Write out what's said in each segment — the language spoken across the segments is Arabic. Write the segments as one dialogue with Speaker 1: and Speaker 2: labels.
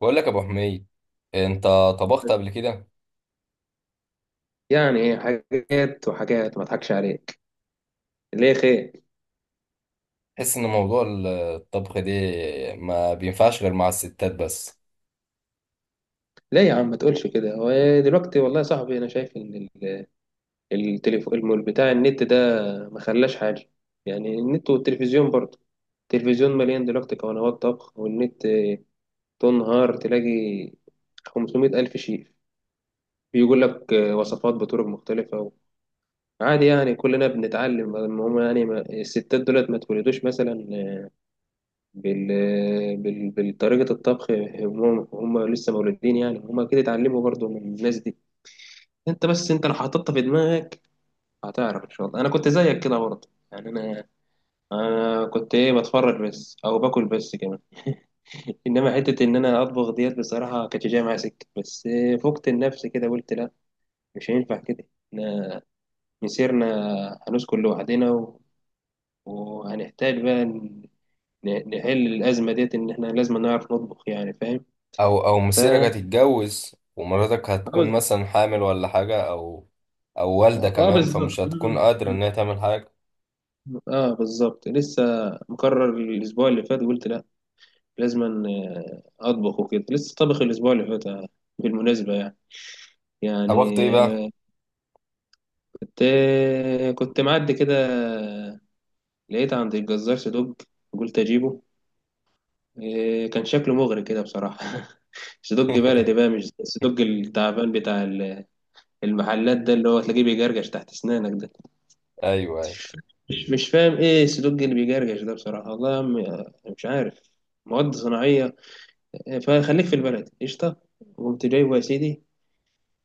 Speaker 1: بقول لك يا ابو حميد، انت طبخت قبل كده؟
Speaker 2: يعني إيه، حاجات وحاجات ما اضحكش عليك. ليه؟ خير؟
Speaker 1: تحس ان موضوع الطبخ ده ما بينفعش غير مع الستات بس؟
Speaker 2: ليه يا عم ما تقولش كده. هو دلوقتي والله يا صاحبي، انا شايف ان التليفون المول بتاع النت ده ما خلاش حاجه. يعني النت والتلفزيون برضه، التلفزيون مليان دلوقتي قنوات طبخ، والنت تنهار تلاقي 500 ألف شيف بيقول لك وصفات بطرق مختلفة. عادي، يعني كلنا بنتعلم. المهم يعني الستات دولت ما تولدوش مثلا بال... بالطريقة الطبخ، هم لسه مولودين يعني، هم أكيد اتعلموا برضو من الناس دي. أنت بس، أنت لو حطيتها في دماغك هتعرف إن شاء الله. أنا كنت زيك كده برضه يعني. أنا كنت، إيه، بتفرج بس أو باكل بس كمان. إنما حتة إن أنا أطبخ ديت، بصراحة كانت جاية معايا سكة. بس فقت النفس كده، قلت لأ، مش هينفع كده. إحنا مسيرنا هنسكن لوحدنا و... وهنحتاج بقى نحل الأزمة ديت، إن إحنا لازم نعرف نطبخ يعني.
Speaker 1: او مسيرك
Speaker 2: فاهم.
Speaker 1: هتتجوز ومراتك
Speaker 2: اه
Speaker 1: هتكون
Speaker 2: بالظبط.
Speaker 1: مثلا حامل ولا حاجه، او او والده
Speaker 2: اه
Speaker 1: كمان،
Speaker 2: بالظبط.
Speaker 1: فمش هتكون
Speaker 2: مم.
Speaker 1: قادره
Speaker 2: مم.
Speaker 1: ان هي تعمل حاجه.
Speaker 2: اه بالظبط. لسه مقرر الاسبوع اللي فات، قلت لا، لازم اطبخ وكده. لسه طبخ الاسبوع اللي فات، آه، بالمناسبه يعني
Speaker 1: طبخت ايه بقى؟
Speaker 2: يعني آه، كنت معدي كده، لقيت عند الجزار صدوج. قلت اجيبه، كان شكله مغري كده بصراحه. صدوج بلدي بقى، مش الصدوج التعبان بتاع المحلات ده، اللي هو تلاقيه بيجرجش تحت اسنانك ده.
Speaker 1: ايوه، أيوة.
Speaker 2: مش فاهم ايه السلوك اللي بيجرجش ده بصراحة، والله يا عم. مش عارف. مواد صناعية. فخليك في البلد، قشطة. وقمت جايبه يا سيدي،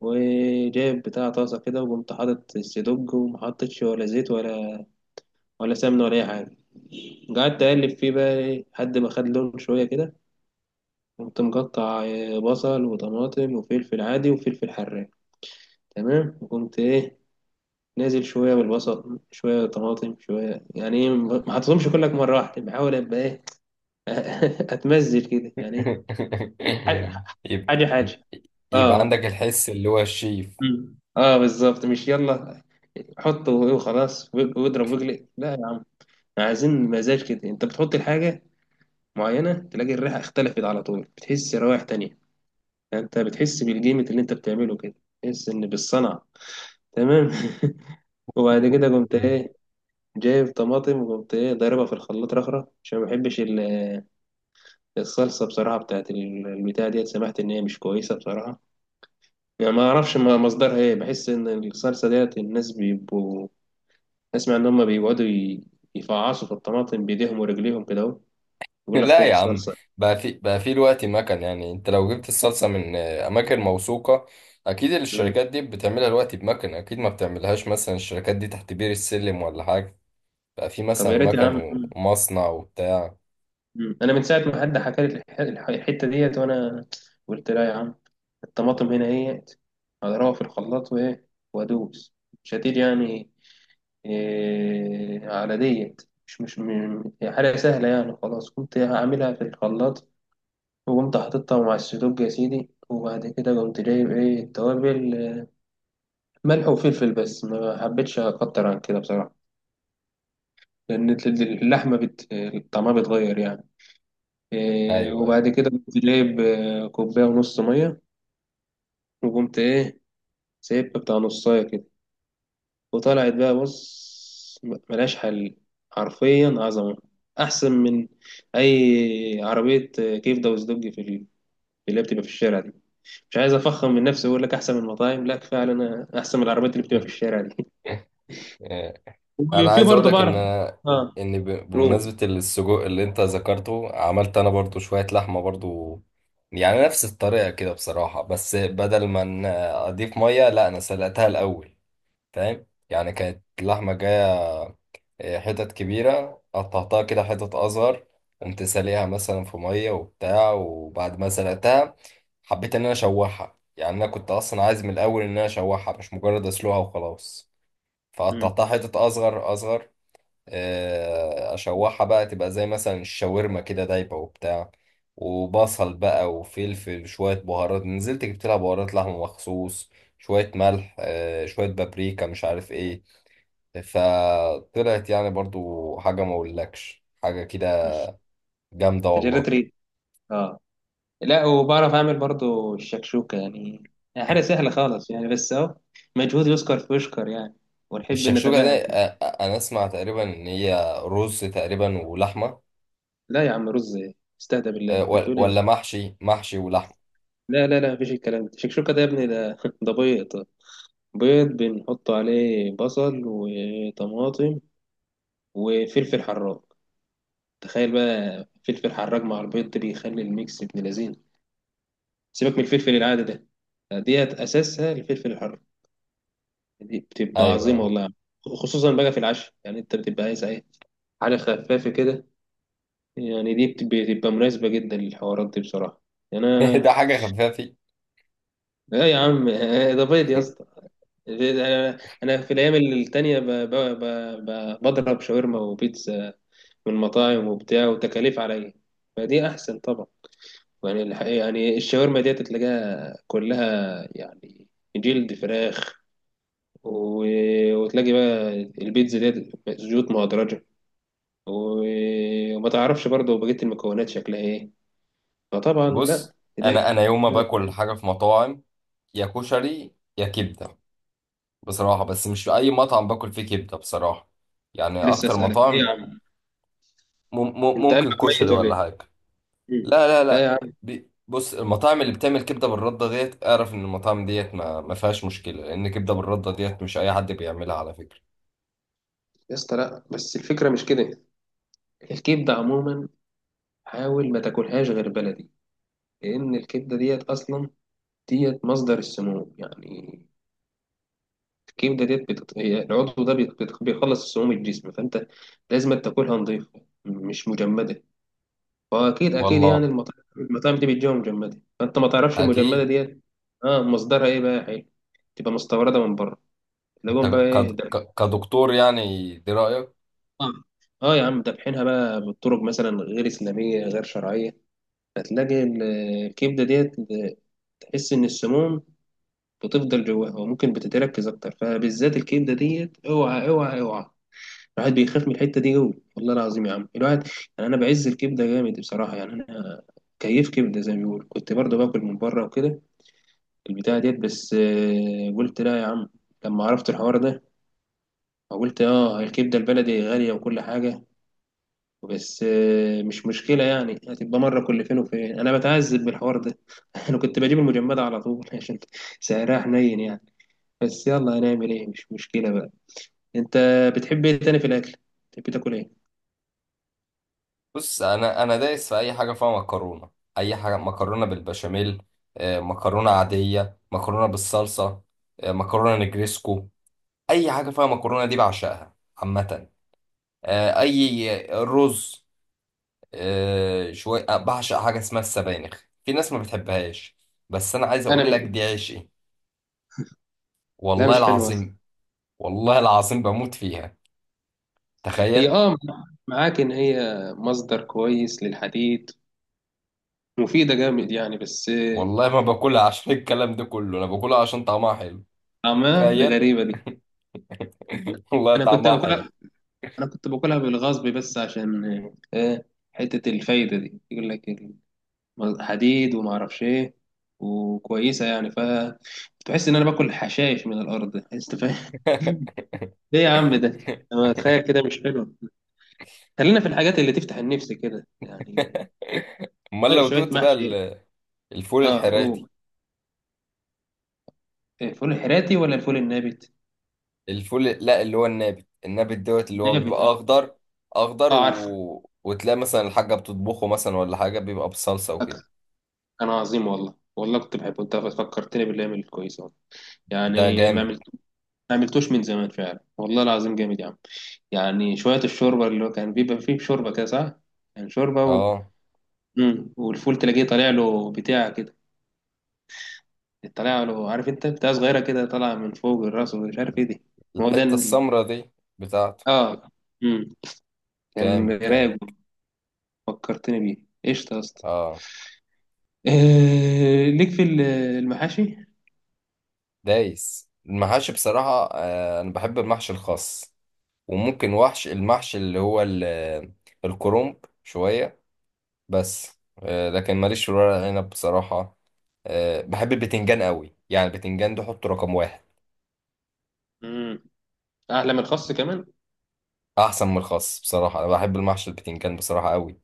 Speaker 2: وجايب بتاع طاسة كده، وقمت حاطط السدوج، ومحطتش ولا زيت ولا سمنة ولا أي حاجة. قعدت أقلب فيه بقى، إيه، لحد ما خد لون شوية كده. قمت مقطع بصل وطماطم وفلفل عادي وفلفل حراق، تمام. وقمت، إيه، نازل شوية بالبصل، شوية طماطم، شوية يعني، إيه، ما حطيتهمش كلك مرة واحدة، بحاول أبقى، إيه، اتمزج كده يعني، ايه حاجه،
Speaker 1: يبقى
Speaker 2: حاجه، حاجة.
Speaker 1: يبقى
Speaker 2: اه.
Speaker 1: عندك الحس اللي هو الشيف.
Speaker 2: مم. اه بالظبط. مش يلا حطه وخلاص واضرب واجلق، لا يا عم، عايزين مزاج كده. انت بتحط الحاجه معينه، تلاقي الريحه اختلفت على طول، بتحس روائح تانية. يعني انت بتحس بالجيمة اللي انت بتعمله كده، بتحس ان بالصنعه، تمام. وبعد كده قمت، ايه، جايب طماطم، وقمت، ايه، ضاربها في الخلاط رخرة، عشان ما بحبش الصلصه بصراحه بتاعت البتاع ديت، سمعت ان هي مش كويسه بصراحه. يعني ما اعرفش مصدرها ايه، بحس ان الصلصه ديت الناس بيبقوا، اسمع ان هم بيقعدوا يفعصوا في الطماطم بايديهم ورجليهم كده، اهو يقول لك
Speaker 1: لا يا
Speaker 2: خد
Speaker 1: عم،
Speaker 2: صلصه.
Speaker 1: بقى في دلوقتي مكن. يعني انت لو جبت الصلصه من اماكن موثوقه، اكيد
Speaker 2: مم.
Speaker 1: الشركات دي بتعملها دلوقتي بمكن، اكيد ما بتعملهاش مثلا الشركات دي تحت بير السلم ولا حاجه. بقى في
Speaker 2: طب
Speaker 1: مثلا
Speaker 2: يا ريت يا
Speaker 1: مكن
Speaker 2: عم. مم.
Speaker 1: ومصنع وبتاع.
Speaker 2: مم. انا من ساعه ما حد حكى لي الحته ديت، وانا قلت لا يا عم، الطماطم هنا اهيت، هضربها في الخلاط، وايه، وادوس. مش هتيجي يعني، إيه، على ديت. مش مش م- هي حاجه سهله يعني، خلاص كنت هعملها في الخلاط. وقمت حاططها مع السدوج يا سيدي، وبعد كده قمت جايب، ايه، التوابل، ملح وفلفل بس، ما حبيتش اكتر عن كده بصراحة. لأن اللحمة طعمها بيتغير يعني. إيه،
Speaker 1: ايوه.
Speaker 2: وبعد كده قمت جايب كوباية ونص مية. وقمت، ايه، سايبها بتاع نصاية كده. وطلعت بقى، بص، ملهاش حل، حرفيا عظمة. أحسن من أي عربية كبدة وسدوج في اللي هي بتبقى في الشارع دي. مش عايز افخم من نفسي واقول لك احسن من المطاعم، لا، كفايه على انا احسن من العربيات اللي بتبقى في الشارع دي.
Speaker 1: آه، انا
Speaker 2: وفي
Speaker 1: عايز اقول
Speaker 2: برضه
Speaker 1: لك ان
Speaker 2: بعرف. اه. روم.
Speaker 1: بمناسبه السجق اللي انت ذكرته، عملت انا برضو شويه لحمه برضو. يعني نفس الطريقه كده بصراحه، بس بدل ما اضيف ميه لا، انا سلقتها الاول. فاهم؟ يعني كانت اللحمة جاية حتت كبيرة، قطعتها كده حتت أصغر، قمت ساليها مثلا في مية وبتاع، وبعد ما سلقتها حبيت إن أنا أشوحها. يعني أنا كنت أصلا عايز من الأول إن أنا أشوحها، مش مجرد أسلقها وخلاص.
Speaker 2: امم
Speaker 1: فقطعتها حتت أصغر أصغر، أشوحها بقى تبقى زي مثلا الشاورما كده، دايبة وبتاع، وبصل بقى وفلفل، شوية بهارات نزلت جبت لها بهارات لحمة مخصوص، شوية ملح، شوية بابريكا، مش عارف إيه. فطلعت يعني برضو حاجة ما اقولكش، حاجة كده جامدة
Speaker 2: تجربة
Speaker 1: والله.
Speaker 2: ريد. اه. لا، وبعرف اعمل برضه الشكشوكه يعني، يعني حاجه سهله خالص يعني، بس اهو مجهود يذكر فيشكر يعني، ونحب
Speaker 1: الشكشوكة ده
Speaker 2: نتباهى فيه.
Speaker 1: انا اسمع تقريبا ان هي رز تقريبا ولحمة،
Speaker 2: لا يا عم، رز إيه؟ استهدى بالله، انت
Speaker 1: ولا
Speaker 2: بتقول ايه؟
Speaker 1: محشي ولحمة.
Speaker 2: لا، لا، لا، مفيش الكلام ده. الشكشوكه ده يا ابني ده ده بيض. بيض بنحط عليه بصل وطماطم وفلفل حراق. تخيل بقى، فلفل حراج مع البيض ده بيخلي الميكس ابن لذينه. سيبك من الفلفل العادي ده، ديت اساسها الفلفل الحر. دي بتبقى
Speaker 1: ايوه.
Speaker 2: عظيمه والله. خصوصا بقى في العشاء، يعني انت بتبقى عايز، ايه، حاجه خفافه كده. يعني دي بتبقى مناسبه جدا للحوارات دي بصراحه.
Speaker 1: ده
Speaker 2: انا،
Speaker 1: حاجة خفافي.
Speaker 2: لا يا عم، ده بيض يا اسطى. انا في الايام التانية بضرب شاورما وبيتزا من مطاعم وبتاع، وتكاليف عليا. فدي احسن طبعا. يعني الحقيقة يعني، الشاورما ديت تلاقيها كلها يعني جلد فراخ، و... وتلاقي بقى البيتزا ديت زيوت مهدرجة، و... وما تعرفش برضه بقية المكونات شكلها ايه. فطبعا لا،
Speaker 1: بص،
Speaker 2: دي.
Speaker 1: انا يوم ما باكل حاجة في مطاعم يا كشري يا كبدة بصراحة، بس مش في اي مطعم باكل فيه كبدة بصراحة. يعني
Speaker 2: لسه
Speaker 1: اكتر
Speaker 2: اسألك ايه يا
Speaker 1: مطاعم
Speaker 2: عم، انت قلبك
Speaker 1: ممكن كشري
Speaker 2: ميت ولا
Speaker 1: ولا
Speaker 2: ايه؟
Speaker 1: حاجة.
Speaker 2: مم.
Speaker 1: لا، لا،
Speaker 2: لا يا
Speaker 1: لا.
Speaker 2: عم.
Speaker 1: بص، المطاعم اللي بتعمل كبده بالرده ديت اعرف ان المطاعم ديت ما فيهاش مشكله، لان كبده بالرده ديت مش اي حد بيعملها على فكره.
Speaker 2: يا اسطى، لا، بس الفكرة مش كده. الكبدة عموما، حاول ما تاكلهاش غير بلدي. لأن الكبدة ديت أصلا، ديت مصدر السموم يعني. الكبده ديت هي العضو ده بيخلص السموم الجسم، فانت لازم تاكلها نظيفه مش مجمده. فاكيد اكيد يعني،
Speaker 1: والله
Speaker 2: المطاعم دي بتجيبها مجمده، فانت ما تعرفش المجمده
Speaker 1: اكيد.
Speaker 2: ديت. اه، مصدرها ايه بقى يا حي؟ تبقى مستورده من بره،
Speaker 1: انت
Speaker 2: تلاقيهم بقى ايه ده.
Speaker 1: كدكتور يعني، دي رايك.
Speaker 2: اه. آه يا عم، دابحينها بقى بالطرق مثلا غير اسلاميه غير شرعيه. هتلاقي الكبده ديت، تحس ان السموم بتفضل جواها، وممكن بتتركز اكتر، فبالذات الكبده ديت، اوعى، اوعى، اوعى. الواحد بيخاف من الحتة دي أوي والله العظيم يا عم. الواحد يعني، أنا بعز الكبدة جامد بصراحة يعني. أنا كيف كبدة زي ما بيقولوا، كنت برضه باكل من بره وكده، البتاعة ديت. بس، قلت لا يا عم، لما عرفت الحوار ده. قلت اه الكبدة البلدي غالية وكل حاجة. بس، مش مشكلة يعني، هتبقى مرة كل فين وفين. أنا بتعذب بالحوار ده. أنا كنت بجيب المجمدة على طول عشان سعرها حنين يعني. بس يلا، هنعمل إيه، مش مشكلة بقى. أنت بتحب إيه تاني في الأكل؟ بتحب تاكل إيه؟
Speaker 1: بص، انا دايس في اي حاجه فيها مكرونه. اي حاجه مكرونه بالبشاميل، مكرونه عاديه، مكرونه بالصلصه، مكرونه نجريسكو، اي حاجه فيها مكرونه دي بعشقها عامه. اي رز. آه، شوية آه، بعشق حاجة اسمها السبانخ، في ناس ما بتحبهاش، بس أنا عايز
Speaker 2: أنا
Speaker 1: أقول لك
Speaker 2: منك.
Speaker 1: دي عشقي.
Speaker 2: لا،
Speaker 1: والله
Speaker 2: مش حلوة.
Speaker 1: العظيم، والله العظيم بموت فيها،
Speaker 2: هي،
Speaker 1: تخيل.
Speaker 2: اه، معاك ان هي مصدر كويس للحديد، مفيده جامد يعني، بس
Speaker 1: والله ما باكلها عشان الكلام ده كله، أنا باكلها عشان طعمها حلو،
Speaker 2: طعمها ده،
Speaker 1: تخيل.
Speaker 2: غريبه دي.
Speaker 1: والله
Speaker 2: انا كنت
Speaker 1: طعمها حلو.
Speaker 2: باكلها انا كنت باكلها بالغصب بس، عشان آه حته الفايده دي، يقول لك حديد وما اعرفش ايه، وكويسه يعني، ف تحس ان انا باكل حشائش من الارض، انت فاهم؟ ايه يا عم ده، انا اتخيل كده مش حلو. خلينا في الحاجات اللي تفتح النفس كده يعني،
Speaker 1: أمال
Speaker 2: شويه
Speaker 1: لو
Speaker 2: شوية
Speaker 1: دوت بقى
Speaker 2: محشي.
Speaker 1: الفول
Speaker 2: اه. اوه.
Speaker 1: الحراتي!
Speaker 2: إيه، فول حراتي ولا الفول النابت؟
Speaker 1: الفول، لا، اللي هو النابت، النابت دوت اللي هو
Speaker 2: نابت،
Speaker 1: بيبقى
Speaker 2: اه.
Speaker 1: أخضر أخضر
Speaker 2: اه عارف،
Speaker 1: وتلاقي مثلا الحاجة بتطبخه مثلا ولا حاجة، بيبقى بصلصة
Speaker 2: فاكر.
Speaker 1: وكده.
Speaker 2: كان عظيم والله، والله كنت بحبه. انت فكرتني بالايام الكويسه والله.
Speaker 1: ده
Speaker 2: يعني
Speaker 1: جامد.
Speaker 2: ما عملتوش من زمان فعلا والله العظيم، جامد يا عم. يعني شويه الشوربه اللي هو كان بيبقى فيه شوربه كده، صح؟ كان شوربه
Speaker 1: اه،
Speaker 2: مم. والفول تلاقيه طالع له بتاع كده، طالع له، عارف انت بتاع صغيره كده طالعه من فوق الراس، ومش عارف ايه دي. ما هو ده
Speaker 1: الحتة السمرة دي بتاعته.
Speaker 2: اه. مم. كان
Speaker 1: كامل كامل.
Speaker 2: رايق. فكرتني بيه، قشطه يا اسطى.
Speaker 1: اه،
Speaker 2: ليك في المحاشي.
Speaker 1: دايس المحاشي بصراحة. آه، أنا بحب المحشي الخاص، وممكن وحش المحشي اللي هو الكرنب شوية، بس آه، لكن ماليش في ورق العنب بصراحة. آه، بحب البتنجان قوي. يعني البتنجان ده حطه رقم واحد.
Speaker 2: مم. احلى من الخاص كمان.
Speaker 1: أحسن من الخاص بصراحة، أنا بحب المحشي البتنجان بصراحة قوي.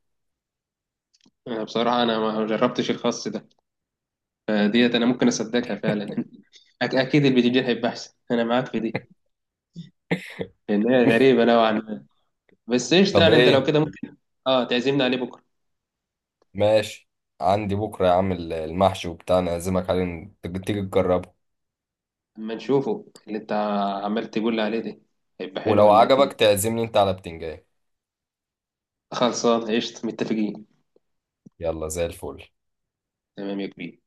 Speaker 2: انا بصراحه ما جربتش الخاص ده، فديت انا ممكن اصدقها فعلا. اكيد البتنجان هيبقى احسن، انا معاك في دي، لان هي غريبه نوعا ما. بس ايش
Speaker 1: طب
Speaker 2: يعني، انت لو
Speaker 1: إيه؟
Speaker 2: كده ممكن، اه، تعزمنا عليه بكره؟
Speaker 1: ماشي. عندي بكرة يا عم المحشي وبتاع، أنا أعزمك عليه، تيجي تيجي تجربه.
Speaker 2: اما نشوفه، اللي انت عمال تقول لي عليه ده، هيبقى حلو
Speaker 1: ولو
Speaker 2: ولا ايه
Speaker 1: عجبك
Speaker 2: الدنيا؟
Speaker 1: تعزمني أنت على بتنجان.
Speaker 2: خلصان قشطه، متفقين.
Speaker 1: يلا زي الفل.
Speaker 2: تمام يا كبير.